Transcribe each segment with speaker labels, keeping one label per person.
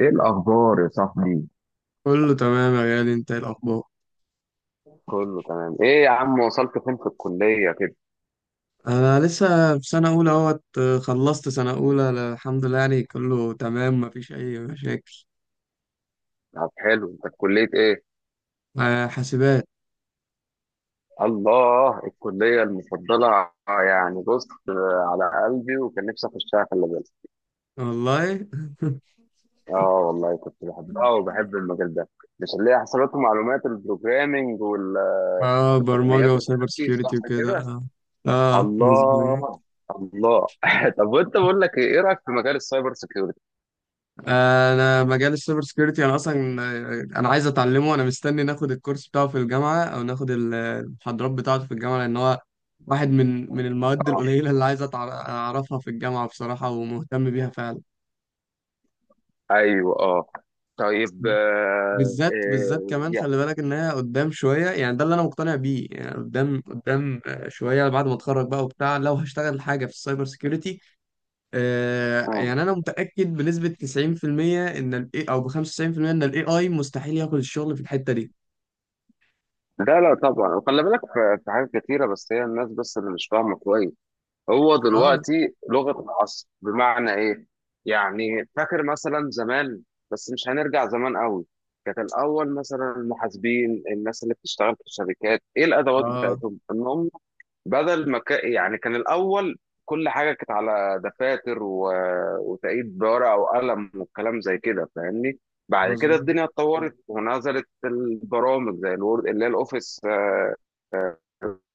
Speaker 1: ايه الاخبار يا صاحبي؟
Speaker 2: كله تمام يا غالي، انت ايه الاخبار؟
Speaker 1: كله تمام ايه يا عم، وصلت فين في الكلية كده؟
Speaker 2: انا لسه في سنه اولى اهوت. خلصت سنه اولى الحمد لله، يعني كله تمام مفيش اي مشاكل.
Speaker 1: طب حلو، انت في كلية ايه؟
Speaker 2: حاسبات.
Speaker 1: الله، الكلية المفضلة يعني. بص، على قلبي وكان نفسي اخشها، خلي بالك.
Speaker 2: والله.
Speaker 1: اه والله كنت بحبها وبحب المجال ده. مش اللي هي حسابات ومعلومات البروجرامينج
Speaker 2: اه، برمجه
Speaker 1: والتقنيات
Speaker 2: وسايبر
Speaker 1: والحاجات دي، صح
Speaker 2: سكيورتي وكده،
Speaker 1: كده؟
Speaker 2: اه. اه، مظبوط.
Speaker 1: الله الله طب وانت، بقول لك ايه، إيه رايك في مجال السايبر سيكيورتي؟
Speaker 2: انا مجال السايبر سكيورتي، انا اصلا انا عايز اتعلمه. انا مستني ناخد الكورس بتاعه في الجامعه او ناخد المحاضرات بتاعته في الجامعه، لان هو واحد من المواد القليله اللي عايز اعرفها في الجامعه بصراحه، ومهتم بيها فعلا.
Speaker 1: ايوه اه. طيب،
Speaker 2: بالذات بالذات كمان
Speaker 1: آه،
Speaker 2: خلي بالك انها قدام شويه، يعني ده اللي انا مقتنع بيه، يعني قدام قدام شويه بعد ما اتخرج بقى وبتاع، لو هشتغل حاجه في السايبر سيكيورتي.
Speaker 1: اه
Speaker 2: يعني انا متاكد بنسبه 90% ان الاي او ب 95% ان الاي اي مستحيل ياخد الشغل في الحته دي.
Speaker 1: لا لا طبعا. وخلي بالك، في حاجات كتيرة، بس هي الناس بس اللي مش فاهمة كويس. هو
Speaker 2: اه،
Speaker 1: دلوقتي لغة العصر، بمعنى ايه؟ يعني فاكر مثلا زمان، بس مش هنرجع زمان قوي. كانت الأول مثلا المحاسبين، الناس اللي بتشتغل في الشركات، ايه الأدوات
Speaker 2: اه،
Speaker 1: بتاعتهم؟ إن هم بدل ما يعني كان الأول كل حاجة كانت على دفاتر و... وتقييد بورقة وقلم والكلام زي كده، فاهمني. بعد كده
Speaker 2: مظبوط.
Speaker 1: الدنيا اتطورت ونزلت البرامج زي الوورد اللي هي الأوفيس.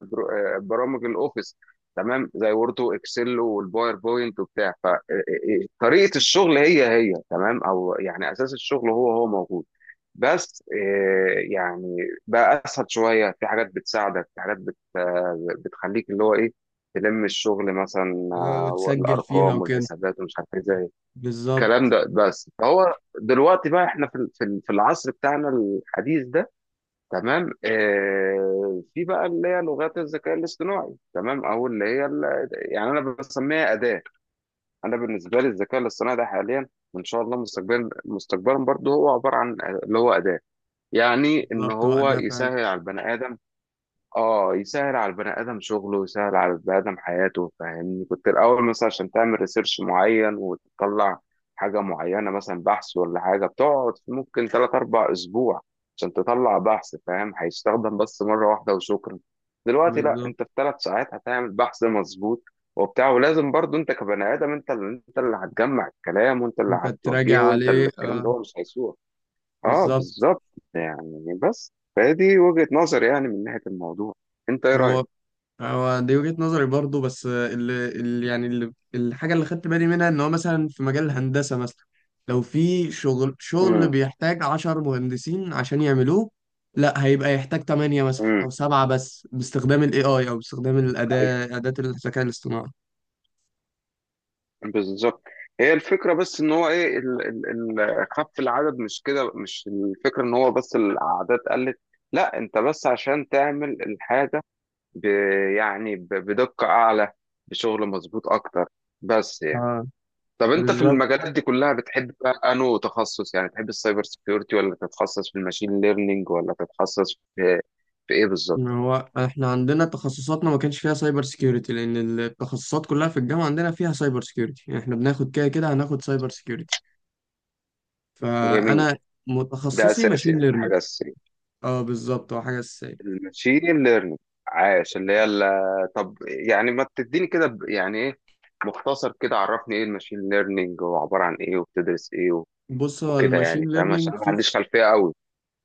Speaker 1: برامج الأوفيس، تمام، زي وورد وإكسل والباوربوينت وبتاع. فطريقة الشغل هي هي تمام، أو يعني أساس الشغل هو هو موجود، بس يعني بقى اسهل شويه، في حاجات بتساعدك، في حاجات بت آه، بتخليك اللي هو ايه، تلم الشغل مثلا،
Speaker 2: اه، وتسجل فيها
Speaker 1: الارقام
Speaker 2: وكده.
Speaker 1: والحسابات ومش عارف ايه، زي الكلام
Speaker 2: بالظبط.
Speaker 1: ده. بس فهو دلوقتي بقى احنا في العصر بتاعنا الحديث ده، تمام. في بقى اللي هي لغات الذكاء الاصطناعي، تمام، او يعني انا بسميها اداه. انا بالنسبه لي الذكاء الاصطناعي ده حاليا وان شاء الله مستقبلا، مستقبلا برضه، هو عباره عن اللي هو اداه. يعني ان
Speaker 2: بالظبط، هو
Speaker 1: هو
Speaker 2: ده فعلا.
Speaker 1: يسهل على البني ادم. اه يسهل على البني ادم شغله، يسهل على البني ادم حياته، فاهمني. كنت الاول مثلا عشان تعمل ريسيرش معين وتطلع حاجه معينه، مثلا بحث ولا حاجه، بتقعد ممكن 3 4 اسبوع عشان تطلع بحث فاهم. هيستخدم بس مره واحده وشكرا. دلوقتي لا،
Speaker 2: بالظبط،
Speaker 1: انت في 3 ساعات هتعمل بحث مظبوط وبتاع، ولازم برضو انت كبني ادم، انت انت اللي هتجمع الكلام، وانت اللي
Speaker 2: انت
Speaker 1: هتوجهه،
Speaker 2: تراجع
Speaker 1: وانت
Speaker 2: عليه،
Speaker 1: اللي الكلام
Speaker 2: اه.
Speaker 1: ده هو مش هيسوق. اه
Speaker 2: بالظبط.
Speaker 1: بالظبط. يعني بس فدي وجهة نظري، يعني من ناحية الموضوع. انت ايه رأيك؟
Speaker 2: هو هو دي وجهة نظري برضو، بس اللي يعني الحاجة اللي خدت بالي منها ان هو مثلا في مجال الهندسة مثلا لو في شغل
Speaker 1: امم.
Speaker 2: بيحتاج عشر مهندسين عشان يعملوه، لا هيبقى يحتاج تمانية مثلا
Speaker 1: امم.
Speaker 2: او سبعة بس باستخدام ال AI او باستخدام
Speaker 1: ايوه.
Speaker 2: أداة الذكاء الاصطناعي.
Speaker 1: بالظبط. هي الفكرة بس ان هو ايه ال خف العدد، مش كده، مش الفكرة ان هو بس الاعداد قلت. لا، انت بس عشان تعمل الحاجة، ب يعني بدقة اعلى، بشغل مظبوط اكتر. بس
Speaker 2: آه
Speaker 1: طب انت في
Speaker 2: بالظبط.
Speaker 1: المجالات دي كلها بتحب بقى انو تخصص، يعني تحب السايبر سيكيورتي، ولا تتخصص في الماشين ليرنينج، ولا تتخصص في ايه بالظبط؟
Speaker 2: ما هو احنا عندنا تخصصاتنا ما كانش فيها سايبر سيكيورتي، لان التخصصات كلها في الجامعة عندنا فيها سايبر سيكيورتي، يعني احنا بناخد كده كده هناخد سايبر سيكيورتي.
Speaker 1: جميل.
Speaker 2: فانا
Speaker 1: ده
Speaker 2: متخصصي
Speaker 1: اساسي
Speaker 2: ماشين
Speaker 1: يعني،
Speaker 2: ليرنينج.
Speaker 1: حاجه اساسيه
Speaker 2: اه، بالظبط هو حاجه اساسيه.
Speaker 1: الماشين ليرنينج. عاش. طب يعني ما تديني كده يعني ايه، مختصر كده، عرفني ايه الماشين ليرنينج وعباره عن ايه وبتدرس ايه
Speaker 2: بص هو
Speaker 1: وكده،
Speaker 2: الماشين
Speaker 1: يعني فاهم، عشان
Speaker 2: ليرنينج
Speaker 1: أنا ما
Speaker 2: فيه.
Speaker 1: عنديش خلفيه قوي.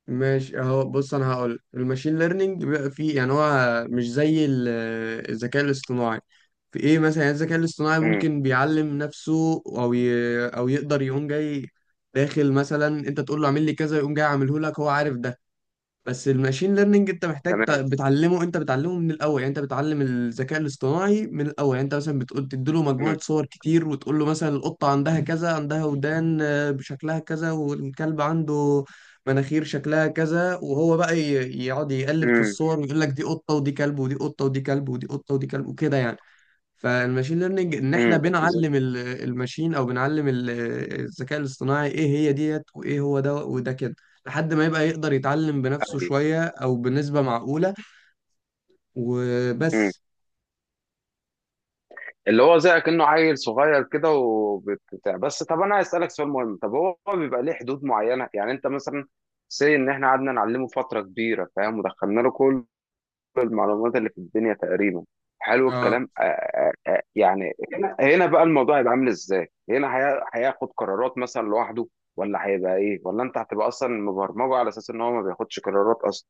Speaker 2: ماشي اهو، بص انا هقول الماشين ليرنينج بيبقى فيه، يعني هو مش زي الذكاء الاصطناعي في ايه مثلا. يعني الذكاء الاصطناعي
Speaker 1: امم.
Speaker 2: ممكن بيعلم نفسه او يقدر يقوم جاي داخل، مثلا انت تقول له اعمل لي كذا يقوم جاي عامله لك، هو عارف ده. بس الماشين ليرنينج انت محتاج
Speaker 1: تمام.
Speaker 2: بتعلمه، انت بتعلمه من الاول. يعني انت بتعلم الذكاء الاصطناعي من الاول، يعني انت مثلا بتقول تديله مجموعه
Speaker 1: امم.
Speaker 2: صور كتير وتقول له مثلا القطه عندها كذا، عندها ودان بشكلها كذا، والكلب عنده مناخير شكلها كذا، وهو بقى يقعد يقلب في
Speaker 1: امم.
Speaker 2: الصور ويقول لك دي قطه ودي كلب ودي قطه ودي كلب ودي قطه ودي كلب وكده يعني. فالماشين ليرنينج ان احنا بنعلم الماشين، او بنعلم الذكاء الاصطناعي ايه هي ديت وايه هو ده وده كده، لحد ما يبقى يقدر يتعلم بنفسه شوية او بنسبة معقولة.
Speaker 1: امم.
Speaker 2: وبس.
Speaker 1: اللي هو زي كأنه عيل صغير كده وبتاع. بس طب انا عايز اسالك سؤال مهم، طب هو بيبقى ليه حدود معينه؟ يعني انت مثلا، سي ان احنا قعدنا نعلمه فتره كبيره فاهم، ودخلنا له كل المعلومات اللي في الدنيا تقريبا، حلو
Speaker 2: اه،
Speaker 1: الكلام. يعني هنا بقى الموضوع هيبقى عامل ازاي؟ هنا هياخد قرارات مثلا لوحده، ولا هيبقى ايه، ولا انت هتبقى اصلا مبرمجه على اساس ان هو ما بياخدش قرارات اصلا؟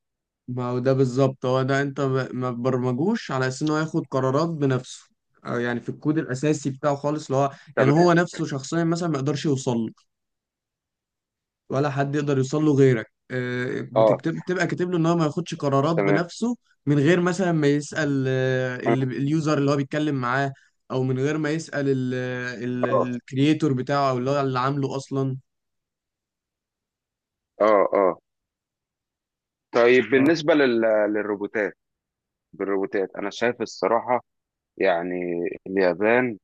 Speaker 2: ما هو ده بالظبط، هو ده، انت ما تبرمجوش على اساس ان هو ياخد قرارات بنفسه، أو يعني في الكود الاساسي بتاعه خالص اللي هو، يعني هو
Speaker 1: تمام.
Speaker 2: نفسه شخصيا مثلا ما يقدرش يوصل له، ولا حد يقدر يوصل له غيرك.
Speaker 1: اه
Speaker 2: بتكتب، بتبقى كاتب له ان هو ما ياخدش قرارات
Speaker 1: تمام.
Speaker 2: بنفسه، من غير مثلا ما يسأل
Speaker 1: اه.
Speaker 2: اليوزر اللي هو بيتكلم معاه، او من غير ما يسأل
Speaker 1: اه.
Speaker 2: الكرييتور بتاعه، او اللي هو اللي عامله اصلا.
Speaker 1: اه. طيب
Speaker 2: آه.
Speaker 1: بالنسبه للروبوتات. بالروبوتات انا شايف الصراحه، يعني اليابان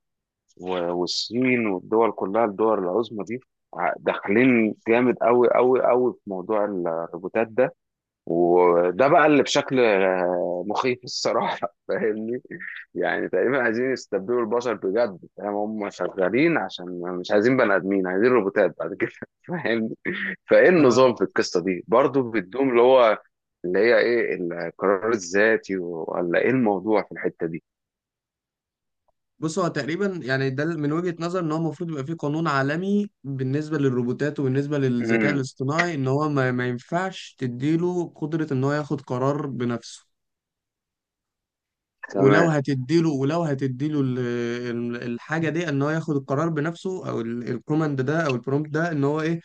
Speaker 1: والصين والدول كلها، الدول العظمى دي، داخلين جامد قوي قوي قوي في موضوع الروبوتات ده، وده بقى اللي بشكل مخيف الصراحه فاهمني. يعني تقريبا عايزين يستبدلوا البشر، بجد فاهم، هم شغالين عشان مش عايزين بني ادمين، عايزين روبوتات بعد كده فاهمني. فايه
Speaker 2: آه،
Speaker 1: النظام في القصه دي برضو، بيدوم اللي هو اللي هي ايه، القرار الذاتي، ولا ايه الموضوع في الحته دي؟
Speaker 2: بص هو تقريبا، يعني ده من وجهة نظر ان هو المفروض يبقى فيه قانون عالمي بالنسبة للروبوتات وبالنسبة للذكاء
Speaker 1: امم.
Speaker 2: الاصطناعي، ان هو ما ينفعش تديله قدرة ان هو ياخد قرار بنفسه. ولو
Speaker 1: تمام.
Speaker 2: هتديله ولو هتديله الحاجه دي، ان هو ياخد القرار بنفسه، او الكوماند ده او البرومبت ده ان هو ايه،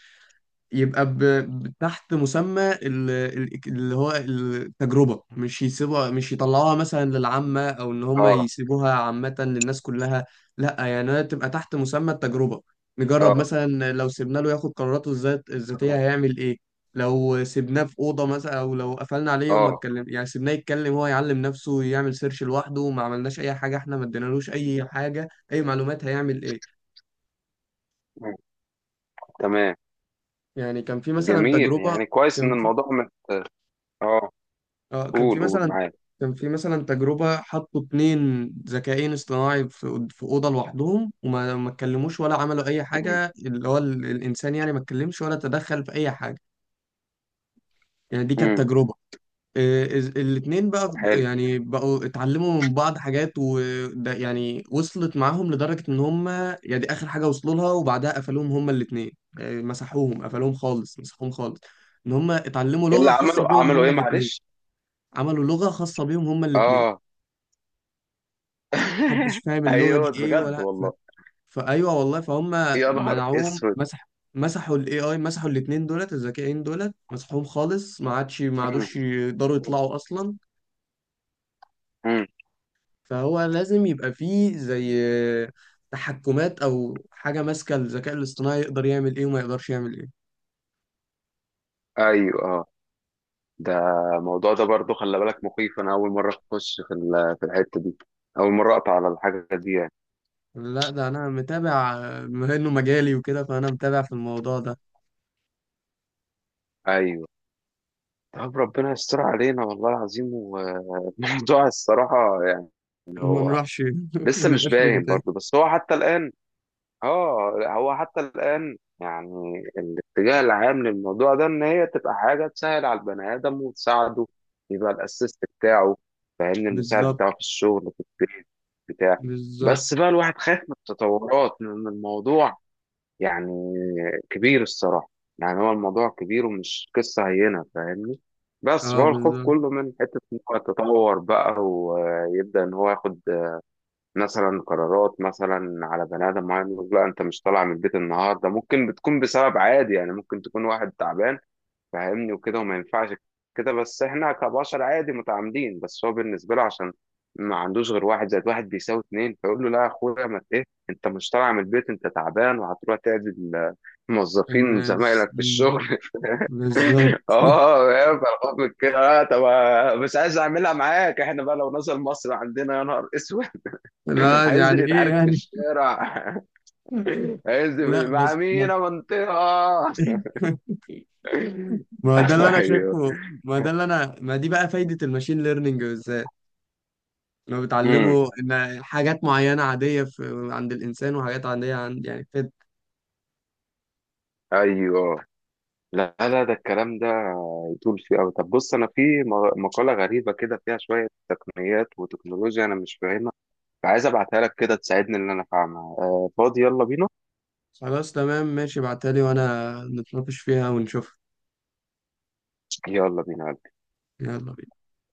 Speaker 2: يبقى تحت مسمى اللي هو التجربة، مش يسيبوها، مش يطلعوها مثلا للعامة، أو إن هم
Speaker 1: اه.
Speaker 2: يسيبوها عامة للناس كلها. لا، يعني هي تبقى تحت مسمى التجربة. نجرب
Speaker 1: اه.
Speaker 2: مثلا لو سيبنا له ياخد قراراته الذاتية هيعمل إيه، لو سيبناه في أوضة مثلا، أو لو قفلنا عليه وما
Speaker 1: اه.
Speaker 2: اتكلم، يعني سيبناه يتكلم هو، يعلم نفسه، يعمل سيرش لوحده، وما عملناش أي حاجة، إحنا ما ادينالوش أي حاجة، أي معلومات، هيعمل إيه.
Speaker 1: مم. تمام.
Speaker 2: يعني كان في مثلا
Speaker 1: جميل،
Speaker 2: تجربة.
Speaker 1: يعني كويس ان الموضوع مت... اه.
Speaker 2: اه، كان
Speaker 1: قول
Speaker 2: في
Speaker 1: قول
Speaker 2: مثلا
Speaker 1: معاك.
Speaker 2: كان في مثلا تجربة حطوا اتنين ذكاءين اصطناعي في أوضة لوحدهم، وما ما اتكلموش ولا عملوا أي
Speaker 1: مم.
Speaker 2: حاجة. اللي هو الإنسان يعني ما اتكلمش ولا تدخل في أي حاجة. يعني دي كانت
Speaker 1: مم.
Speaker 2: تجربة. الاتنين بقى
Speaker 1: حلو.
Speaker 2: يعني بقوا اتعلموا من بعض حاجات، وده يعني وصلت معاهم لدرجة إن هما، يعني دي آخر حاجة وصلوا لها وبعدها قفلوهم هما الاتنين. مسحوهم، قفلوهم خالص، مسحوهم خالص. إن هما اتعلموا
Speaker 1: اللي
Speaker 2: لغة خاصة
Speaker 1: عملوا،
Speaker 2: بيهم
Speaker 1: عملوا ايه
Speaker 2: هما الاتنين.
Speaker 1: معلش؟
Speaker 2: عملوا لغة خاصة بيهم هما الاتنين.
Speaker 1: اه
Speaker 2: محدش فاهم اللغة دي
Speaker 1: ايوه،
Speaker 2: ايه
Speaker 1: بجد والله.
Speaker 2: فايوه والله، فهم.
Speaker 1: يا نهار
Speaker 2: منعوهم
Speaker 1: اسود.
Speaker 2: مسح مسحوا الاي اي، مسحوا الاتنين دولت الذكيين دولت، مسحوهم خالص. ما عادوش
Speaker 1: مم.
Speaker 2: يقدروا يطلعوا اصلا.
Speaker 1: مم.
Speaker 2: فهو لازم يبقى فيه زي تحكمات او حاجة ماسكة الذكاء الاصطناعي يقدر يعمل ايه وما يقدرش يعمل ايه.
Speaker 1: ايوه اه. ده الموضوع ده برضه خلي بالك مخيف، انا اول مره اخش في الحته دي، اول مره اقطع على الحاجه دي يعني.
Speaker 2: لا، ده انا متابع، بما انه مجالي وكده فانا متابع في الموضوع ده.
Speaker 1: ايوه. طب ربنا يستر علينا والله العظيم. والموضوع الصراحه يعني.
Speaker 2: ما
Speaker 1: هو
Speaker 2: نروحش، ما
Speaker 1: لسه مش
Speaker 2: نبقاش
Speaker 1: باين
Speaker 2: روبوتات.
Speaker 1: برضه، بس هو حتى الان، اه هو حتى الان، يعني الاتجاه العام للموضوع ده ان هي تبقى حاجه تسهل على البني ادم وتساعده، يبقى الاسيست بتاعه، فاهمني، المساعد
Speaker 2: بالظبط.
Speaker 1: بتاعه في الشغل في البيت بتاع.
Speaker 2: بالظبط.
Speaker 1: بس بقى الواحد خايف من التطورات، من الموضوع يعني كبير الصراحة. يعني هو الموضوع كبير ومش قصة هينة، فاهمني. بس
Speaker 2: اه،
Speaker 1: هو الخوف
Speaker 2: بالظبط.
Speaker 1: كله من حتة إن هو يتطور بقى ويبدأ إن هو ياخد مثلا قرارات مثلا على بني آدم معين، يقول لا أنت مش طالع من البيت النهاردة. ممكن بتكون بسبب عادي، يعني ممكن تكون واحد تعبان، فاهمني، وكده، وما ينفعش كده. بس احنا كبشر عادي متعامدين، بس هو بالنسبه له، عشان ما عندوش غير واحد زائد واحد بيساوي اتنين، فيقول له لا يا اخويا، ما ت- ايه، انت مش طالع من البيت، انت تعبان وهتروح تعدل موظفين
Speaker 2: الناس.
Speaker 1: زمايلك في الشغل
Speaker 2: بالظبط.
Speaker 1: اه فاهم؟ فالخوف من كده. طب، مش عايز اعملها معاك، احنا بقى لو نزل مصر عندنا يا نهار اسود
Speaker 2: لا،
Speaker 1: هينزل
Speaker 2: يعني ايه
Speaker 1: يتعارك في
Speaker 2: يعني.
Speaker 1: الشارع
Speaker 2: لا
Speaker 1: هينزل مع
Speaker 2: بس
Speaker 1: مين
Speaker 2: ما
Speaker 1: يا منطقه
Speaker 2: ما ده اللي انا
Speaker 1: ايوه.
Speaker 2: شايفه. ما ده اللي انا ما دي بقى فايدة الماشين ليرنينج بالذات، لو بتعلمه ان حاجات معينة عادية في عند الانسان، وحاجات عادية عند، يعني كده.
Speaker 1: ايوه. لا لا، ده الكلام ده يطول فيه قوي. طب بص، انا في مقاله غريبه كده فيها شويه تقنيات وتكنولوجيا انا مش فاهمها، فعايز ابعتها لك كده تساعدني ان انا افهمها. آه فاضي؟ يلا بينا.
Speaker 2: خلاص تمام ماشي، ابعتها لي وانا نتناقش فيها ونشوف.
Speaker 1: يلا بينا.
Speaker 2: يلا بينا.